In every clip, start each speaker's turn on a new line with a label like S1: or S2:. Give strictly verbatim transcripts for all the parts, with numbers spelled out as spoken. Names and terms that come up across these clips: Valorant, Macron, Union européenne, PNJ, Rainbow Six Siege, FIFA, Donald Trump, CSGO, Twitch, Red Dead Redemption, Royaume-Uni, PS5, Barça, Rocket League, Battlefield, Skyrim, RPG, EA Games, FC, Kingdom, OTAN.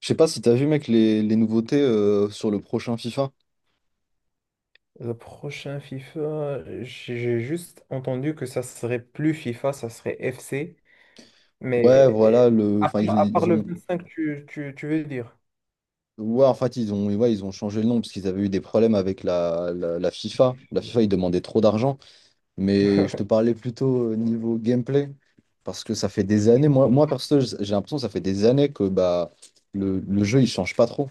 S1: Je sais pas si t'as vu, mec, les, les nouveautés, euh, sur le prochain FIFA.
S2: Le prochain FIFA, j'ai j'ai juste entendu que ça serait plus FIFA, ça serait F C.
S1: Ouais,
S2: Mais
S1: voilà, le,
S2: à,
S1: enfin, ils, ont-
S2: part à part
S1: ils
S2: le
S1: ont.
S2: vingt-cinq, tu, tu, tu veux dire?
S1: Ouais, en fait, ils ont, ouais, ils ont changé le nom parce qu'ils avaient eu des problèmes avec la, la, la FIFA. La FIFA, ils demandaient trop d'argent. Mais je te parlais plutôt euh, niveau gameplay. Parce que ça fait des années, moi, moi perso, j- j'ai l'impression que ça fait des années que bah, le, le jeu, il change pas trop.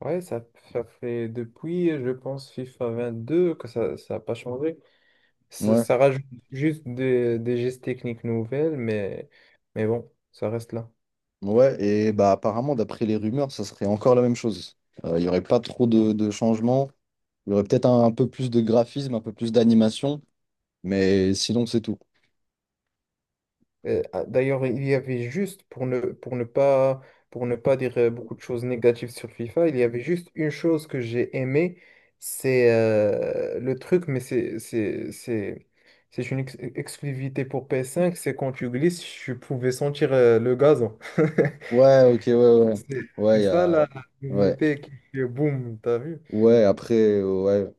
S2: Ouais, ça, ça fait depuis, je pense, FIFA vingt-deux que ça, ça n'a pas changé. Ça,
S1: Ouais.
S2: ça rajoute juste des, des gestes techniques nouvelles, mais, mais bon, ça reste là.
S1: Ouais, et bah apparemment, d'après les rumeurs, ça serait encore la même chose. Euh, Il y aurait pas trop de, de changements. Il y aurait peut-être un un peu plus de graphisme, un peu plus d'animation. Mais sinon, c'est tout.
S2: Euh, ah, D'ailleurs, il y avait juste, pour ne, pour ne pas, pour ne pas dire euh, beaucoup de choses négatives sur FIFA, il y avait juste une chose que j'ai aimée, c'est euh, le truc, mais c'est, c'est, c'est, c'est une ex- exclusivité pour P S cinq, c'est quand tu glisses, tu pouvais sentir euh, le gazon.
S1: Ouais, ok, ouais, ouais.
S2: C'est c'est
S1: Ouais, y
S2: ça
S1: a...
S2: la
S1: ouais.
S2: nouveauté qui fait boum, t'as vu?
S1: Ouais, après, euh, ouais.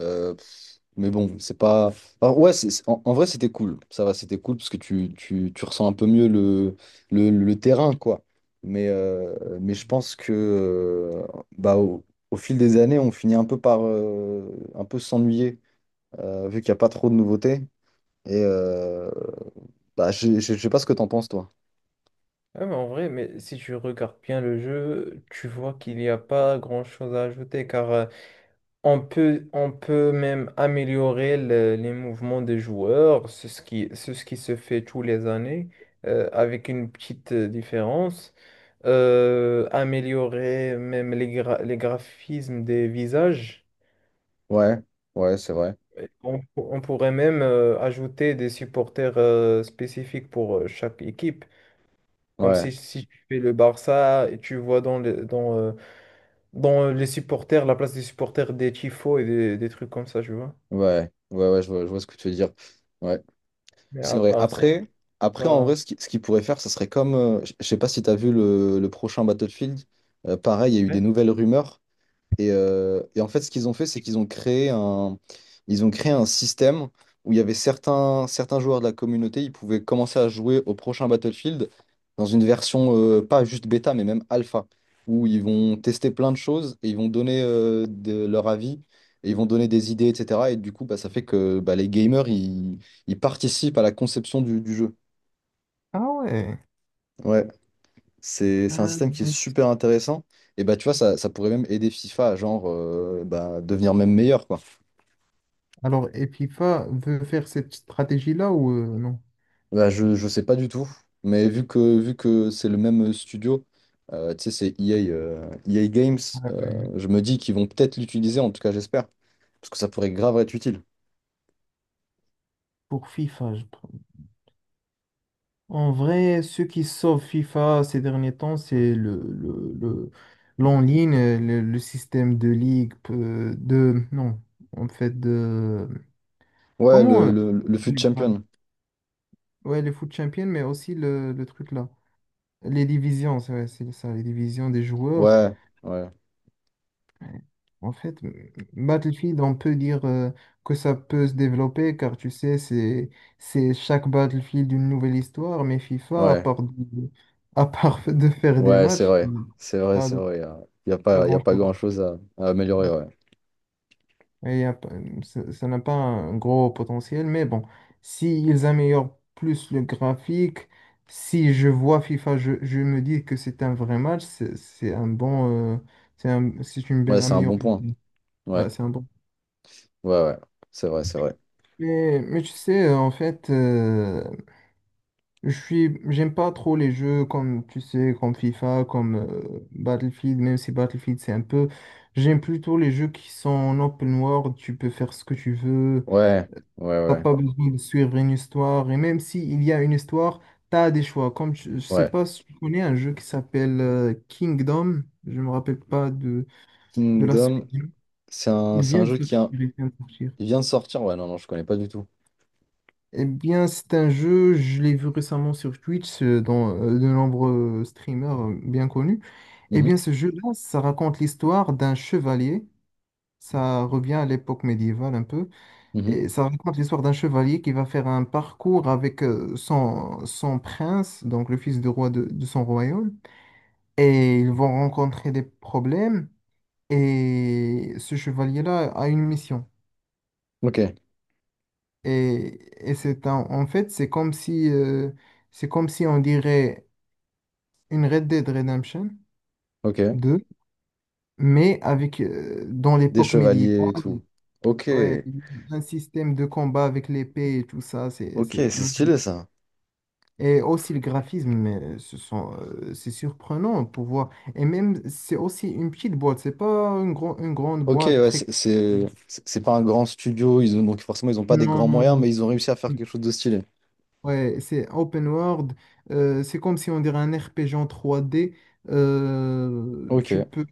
S1: Euh, pff, mais bon, c'est pas. Alors, ouais, c'est, c'est- en, en vrai, c'était cool. Ça va, c'était cool parce que tu, tu, tu ressens un peu mieux le, le, le terrain, quoi. Mais, euh, mais je pense que euh, bah, au, au fil des années, on finit un peu par euh, un peu s'ennuyer, euh, vu qu'il n'y a pas trop de nouveautés. Et euh, bah, je, je, je sais pas ce que t'en penses, toi.
S2: Ouais, mais en vrai, mais si tu regardes bien le jeu, tu vois qu'il n'y a pas grand-chose à ajouter, car euh, on peut, on peut même améliorer le- les mouvements des joueurs, c'est ce qui, c'est ce qui se fait tous les années, euh, avec une petite euh, différence. Euh, améliorer même les, gra- les graphismes des visages.
S1: Ouais, ouais, c'est vrai.
S2: Et On, pour- on pourrait même euh, ajouter des supporters euh, spécifiques pour euh, chaque équipe. Comme
S1: Ouais,
S2: si, si tu fais le Barça et tu vois dans, le- dans, euh, dans les supporters, la place des supporters des tifos et des, des trucs comme ça, tu vois.
S1: ouais, ouais, ouais, je vois, je vois ce que tu veux dire. Ouais.
S2: Mais
S1: C'est
S2: à
S1: vrai.
S2: part ça, je sais
S1: Après, après en
S2: pas.
S1: vrai, ce qui- ce qu'ils pourraient faire, ce serait comme. euh, je je sais pas si tu as vu le, le prochain Battlefield. Euh, pareil, il y a eu des
S2: Ouais.
S1: nouvelles rumeurs. Et, euh, et en fait, ce qu'ils ont fait, c'est qu'ils ont créé un, ils ont créé un système où il y avait certains, certains joueurs de la communauté, ils pouvaient commencer à jouer au prochain Battlefield dans une version, euh, pas juste bêta, mais même alpha, où ils vont tester plein de choses et ils vont donner, euh, de, leur avis et ils vont donner des idées, et cetera. Et du coup, bah, ça fait que bah, les gamers, ils, ils participent à la conception du, du jeu.
S2: Ah ouais.
S1: Ouais. C'est c'est un
S2: Euh,
S1: système qui est super intéressant. Et bah, tu vois, ça, ça pourrait même aider FIFA à genre, euh, bah, devenir même meilleur, quoi.
S2: Alors, et FIFA veut faire cette stratégie-là ou euh, non?
S1: Bah, je, je sais pas du tout. Mais vu que, vu que c'est le même studio, euh, tu sais, c'est E A, euh, E A Games, euh,
S2: euh,
S1: je me dis qu'ils vont peut-être l'utiliser, en tout cas, j'espère. Parce que ça pourrait grave être utile.
S2: pour FIFA, je prends- en vrai, ceux qui sauvent FIFA ces derniers temps, c'est le, le, le- l'en-ligne, euh, le, le système de ligue, euh, de, non, en fait, de,
S1: Ouais,
S2: comment,
S1: le,
S2: euh,
S1: le, le fut champion.
S2: ouais, les foot champions, mais aussi le, le truc là, les divisions, c'est ouais, c'est ça, les divisions des joueurs.
S1: Ouais, ouais,
S2: Ouais. En fait, m- m- Battlefield, on peut dire euh, que ça peut se développer car tu sais, c'est c'est chaque Battlefield une nouvelle histoire, mais FIFA, à
S1: ouais,
S2: part de, à part de faire des
S1: ouais, c'est
S2: matchs.
S1: vrai.
S2: Mm.
S1: C'est vrai,
S2: pas
S1: c'est
S2: de
S1: vrai. Il n'y a, y a
S2: Pas
S1: pas, y a pas
S2: grand-chose.
S1: grand-chose à, à améliorer, ouais.
S2: Et y a pas- Ça ça n'a pas un gros potentiel, mais bon, s'ils améliorent plus le graphique, si je vois FIFA, je, je me dis que c'est un vrai match, c'est c'est un bon, euh, c'est un- c'est une
S1: Ouais,
S2: bonne
S1: c'est un bon
S2: amélioration.
S1: point. Ouais,
S2: Ouais, c'est un bon.
S1: ouais, ouais. C'est vrai, c'est vrai.
S2: Mais, mais tu sais, en fait, euh, je suis, j'aime pas trop les jeux comme, tu sais, comme FIFA, comme euh, Battlefield, même si Battlefield c'est un peu. J'aime plutôt les jeux qui sont en open world, tu peux faire ce que tu veux,
S1: Ouais, ouais,
S2: t'as
S1: ouais,
S2: pas besoin de suivre une histoire, et même s'il y a une histoire, t'as des choix. Comme, je, je sais
S1: ouais.
S2: pas si tu connais un jeu qui s'appelle euh, Kingdom, je me rappelle pas de, de la suite.
S1: Kingdom, c'est un,
S2: Il
S1: c'est un
S2: vient de
S1: jeu qui
S2: sortir,
S1: a-
S2: il vient de sortir.
S1: il vient de sortir. Ouais, non, non, je connais pas du tout.
S2: Eh bien, c'est un jeu, je l'ai vu récemment sur Twitch, euh, dans euh, de nombreux streamers euh, bien connus. Eh
S1: Mhm,
S2: bien, ce jeu-là, ça raconte l'histoire d'un chevalier. Ça revient à l'époque médiévale un peu.
S1: mhm.
S2: Et ça raconte l'histoire d'un chevalier qui va faire un parcours avec euh, son, son prince, donc le fils du roi de, de son royaume. Et ils vont rencontrer des problèmes. Et ce chevalier-là a une mission.
S1: Ok,
S2: Et, et c'est un- en fait, c'est comme si, euh, c'est comme si on dirait une Red Dead Redemption
S1: ok.
S2: deux mais avec, euh, dans
S1: Des
S2: l'époque
S1: chevaliers et
S2: médiévale,
S1: tout. Ok,
S2: ouais, un système de combat avec l'épée et tout ça, c'est,
S1: ok,
S2: c'est...
S1: c'est
S2: magnifique.
S1: stylé ça.
S2: Et aussi le graphisme, mais ce sont, euh, c'est surprenant pour voir. Et même, c'est aussi une petite boîte, c'est pas une, gro- une grande
S1: Ok,
S2: boîte
S1: ouais,
S2: très...
S1: c'est c'est- c'est pas un grand studio, ils ont, donc forcément ils ont pas des
S2: Non,
S1: grands
S2: non,
S1: moyens,
S2: non.
S1: mais ils ont réussi à faire quelque chose de stylé.
S2: Ouais, c'est open world. Euh, c'est comme si on dirait un R P G en trois D. Euh,
S1: Ok,
S2: tu peux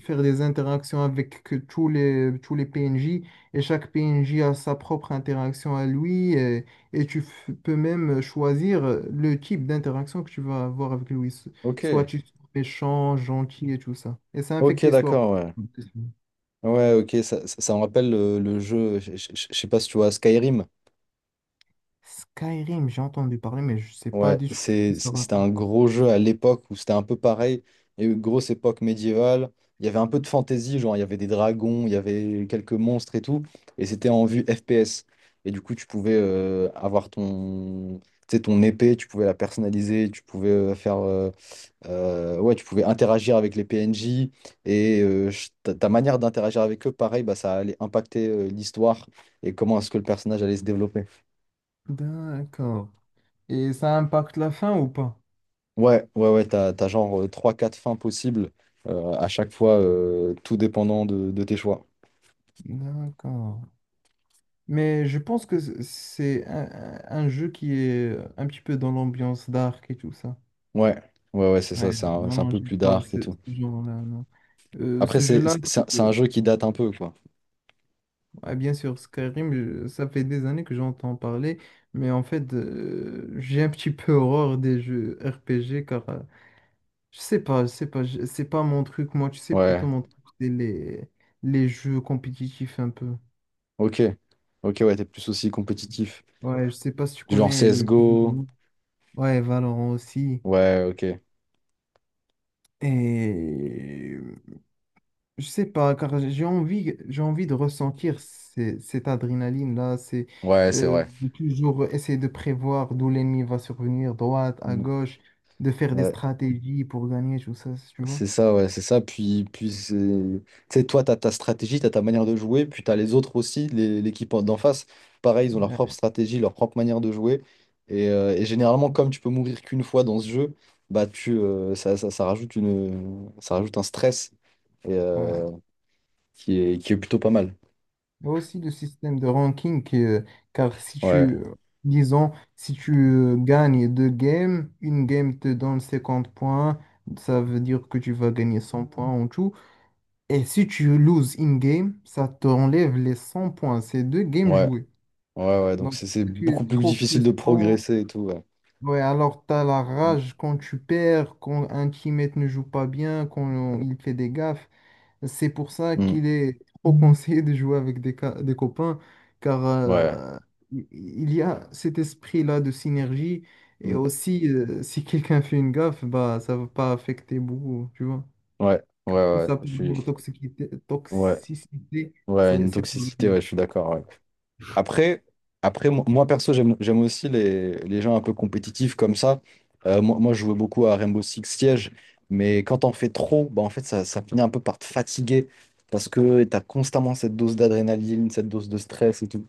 S2: faire des interactions avec que tous les, tous les P N J et chaque P N J a sa propre interaction à lui et, et tu f- peux même choisir le type d'interaction que tu vas avoir avec lui. so-
S1: ok,
S2: Soit tu es méchant, gentil et tout ça. Et ça affecte
S1: ok,
S2: l'histoire.
S1: d'accord, ouais. Ouais, ok, ça, ça, ça me rappelle le, le jeu, je je- je- je sais pas si tu vois Skyrim.
S2: Skyrim, j'ai entendu parler, mais je sais pas
S1: Ouais,
S2: du tout ce que
S1: c'est,
S2: ça
S1: c'était
S2: raconte.
S1: un gros jeu à l'époque où c'était un peu pareil. Il y a eu une grosse époque médiévale. Il y avait un peu de fantasy, genre il y avait des dragons, il y avait quelques monstres et tout. Et c'était en vue F P S. Et du coup, tu pouvais, euh, avoir ton, tu sais, ton épée, tu pouvais la personnaliser, tu pouvais, euh, faire euh, Euh, ouais, tu pouvais interagir avec les P N J et, euh, ch- ta, ta manière d'interagir avec eux, pareil, bah, ça allait impacter, euh, l'histoire et comment est-ce que le personnage allait se développer.
S2: D'accord. Et ça impacte la fin ou pas?
S1: Ouais, ouais, ouais, t'as, t'as genre, euh, trois quatre fins possibles, euh, à chaque fois, euh, tout dépendant de, de tes choix.
S2: D'accord. Mais je pense que c- c'est un, un- un jeu qui est euh, un petit peu dans l'ambiance dark et tout ça.
S1: Ouais, ouais, ouais, c'est
S2: Ouais,
S1: ça, c'est un,
S2: non,
S1: c'est un
S2: non,
S1: peu
S2: j'aime
S1: plus
S2: pas
S1: dark et
S2: ce,
S1: tout.
S2: ce genre-là, non. Euh,
S1: Après,
S2: ce
S1: c'est
S2: jeu-là,
S1: c'est un c'est un
S2: euh,
S1: jeu qui date un peu, quoi.
S2: ouais, bien sûr, Skyrim, je- ça fait des années que j'entends parler, mais en fait, euh, j'ai un petit peu horreur des jeux R P G car euh, je sais pas, je sais pas, je- c'est pas mon truc. Moi, tu sais, plutôt
S1: Ouais,
S2: mon truc, c'est les, les jeux compétitifs un peu.
S1: ok. Ok, ouais, t'es plus aussi compétitif.
S2: Ouais, je sais pas si tu
S1: Du genre
S2: connais le jeu de...
S1: C S G O.
S2: Valorant. Ouais, Valorant aussi.
S1: Ouais, ok.
S2: Et je sais pas, car j'ai envie, j'ai envie de ressentir ces- cette adrénaline-là, c'est
S1: Ouais, c'est
S2: euh,
S1: vrai.
S2: de toujours essayer de prévoir d'où l'ennemi va survenir, droite, à
S1: Mm.
S2: gauche, de faire des
S1: Ouais.
S2: stratégies pour gagner, tout ça, tu vois.
S1: C'est ça, ouais, c'est ça. Puis, puis c'est- tu sais, toi, tu as ta stratégie, tu as ta manière de jouer, puis tu as les autres aussi, les- l'équipe en- d'en face. Pareil, ils ont leur propre
S2: Ouais.
S1: stratégie, leur propre manière de jouer. Et, euh, et généralement, comme tu peux mourir qu'une fois dans ce jeu, bah, tu, euh, ça, ça, ça rajoute une, ça rajoute un stress et,
S2: Ouais.
S1: euh, qui est, qui est plutôt pas mal.
S2: Et aussi le système de ranking, euh, car si tu,
S1: Ouais,
S2: euh, disons, si tu euh, gagnes deux games, une game te donne cinquante points, ça veut dire que tu vas gagner cent points en tout. Et si tu loses in-game, ça t'enlève les cent points. C'est deux games
S1: ouais,
S2: joués.
S1: ouais, ouais. Donc,
S2: Donc,
S1: c'est c'est
S2: si tu es
S1: beaucoup plus
S2: trop
S1: difficile de
S2: frustrant.
S1: progresser et tout. Ouais,
S2: Ouais, alors tu as la
S1: Mm.
S2: rage quand tu perds, quand un teammate ne joue pas bien, quand il fait des gaffes. C'est pour ça
S1: Mm.
S2: qu'il est trop conseillé de jouer avec des, ca- des copains, car
S1: Ouais,
S2: euh, il il y a cet esprit-là de synergie. Et
S1: Mm.
S2: aussi, euh, si quelqu'un fait une gaffe, bah, ça va pas affecter beaucoup, tu vois
S1: ouais, ouais,
S2: qui
S1: ouais. Je
S2: s'appelle
S1: suis...
S2: la toxicité,
S1: Ouais,
S2: toxicité,
S1: ouais,
S2: c'est
S1: une
S2: c'est pas
S1: toxicité,
S2: gagné.
S1: ouais, je suis d'accord. ouais. Après, après mo- moi perso, j'aime j'aime aussi les, les gens un peu compétitifs comme ça. Euh, moi, moi, je jouais beaucoup à Rainbow Six Siege, mais quand t'en fais trop, bah, en fait, ça, ça finit un peu par te fatiguer parce que t'as constamment cette dose d'adrénaline, cette dose de stress et tout.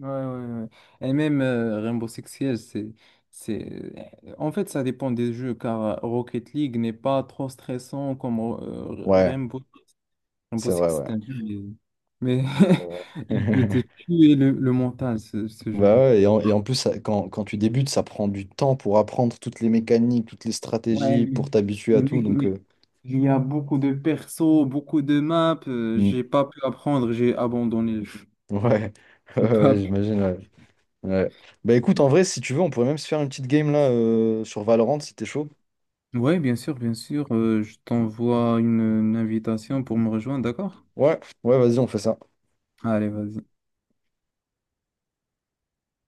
S2: Ouais, ouais, ouais. Et même euh, Rainbow Six Siege, c'est, c'est... En fait, ça dépend des jeux, car euh, Rocket League n'est pas trop stressant comme euh,
S1: Ouais,
S2: Rainbow... Rainbow
S1: c'est
S2: Six,
S1: vrai,
S2: c'est
S1: ouais.
S2: un jeu, mais, mais
S1: Ouais.
S2: il peut te tuer le, le mental, ce, ce
S1: Bah
S2: jeu-là.
S1: ouais, et en, et en plus, ça- quand, quand tu débutes, ça prend du temps pour apprendre toutes les mécaniques, toutes les
S2: Ouais,
S1: stratégies,
S2: mais,
S1: pour t'habituer à
S2: mais
S1: tout.
S2: mec,
S1: Donc,
S2: mais
S1: euh,
S2: il y a beaucoup de persos, beaucoup de maps, euh,
S1: mm,
S2: j'ai pas pu apprendre, j'ai abandonné le jeu.
S1: ouais,
S2: J'ai
S1: ouais, ouais,
S2: pas
S1: j'imagine. Ouais. Ouais. Bah écoute, en vrai, si tu veux, on pourrait même se faire une petite game là, euh, sur Valorant si t'es chaud.
S2: ouais, bien sûr, bien sûr. Euh, je t'envoie une, une invitation pour me rejoindre, d'accord?
S1: Ouais, ouais, vas-y, on fait ça.
S2: Allez, vas-y.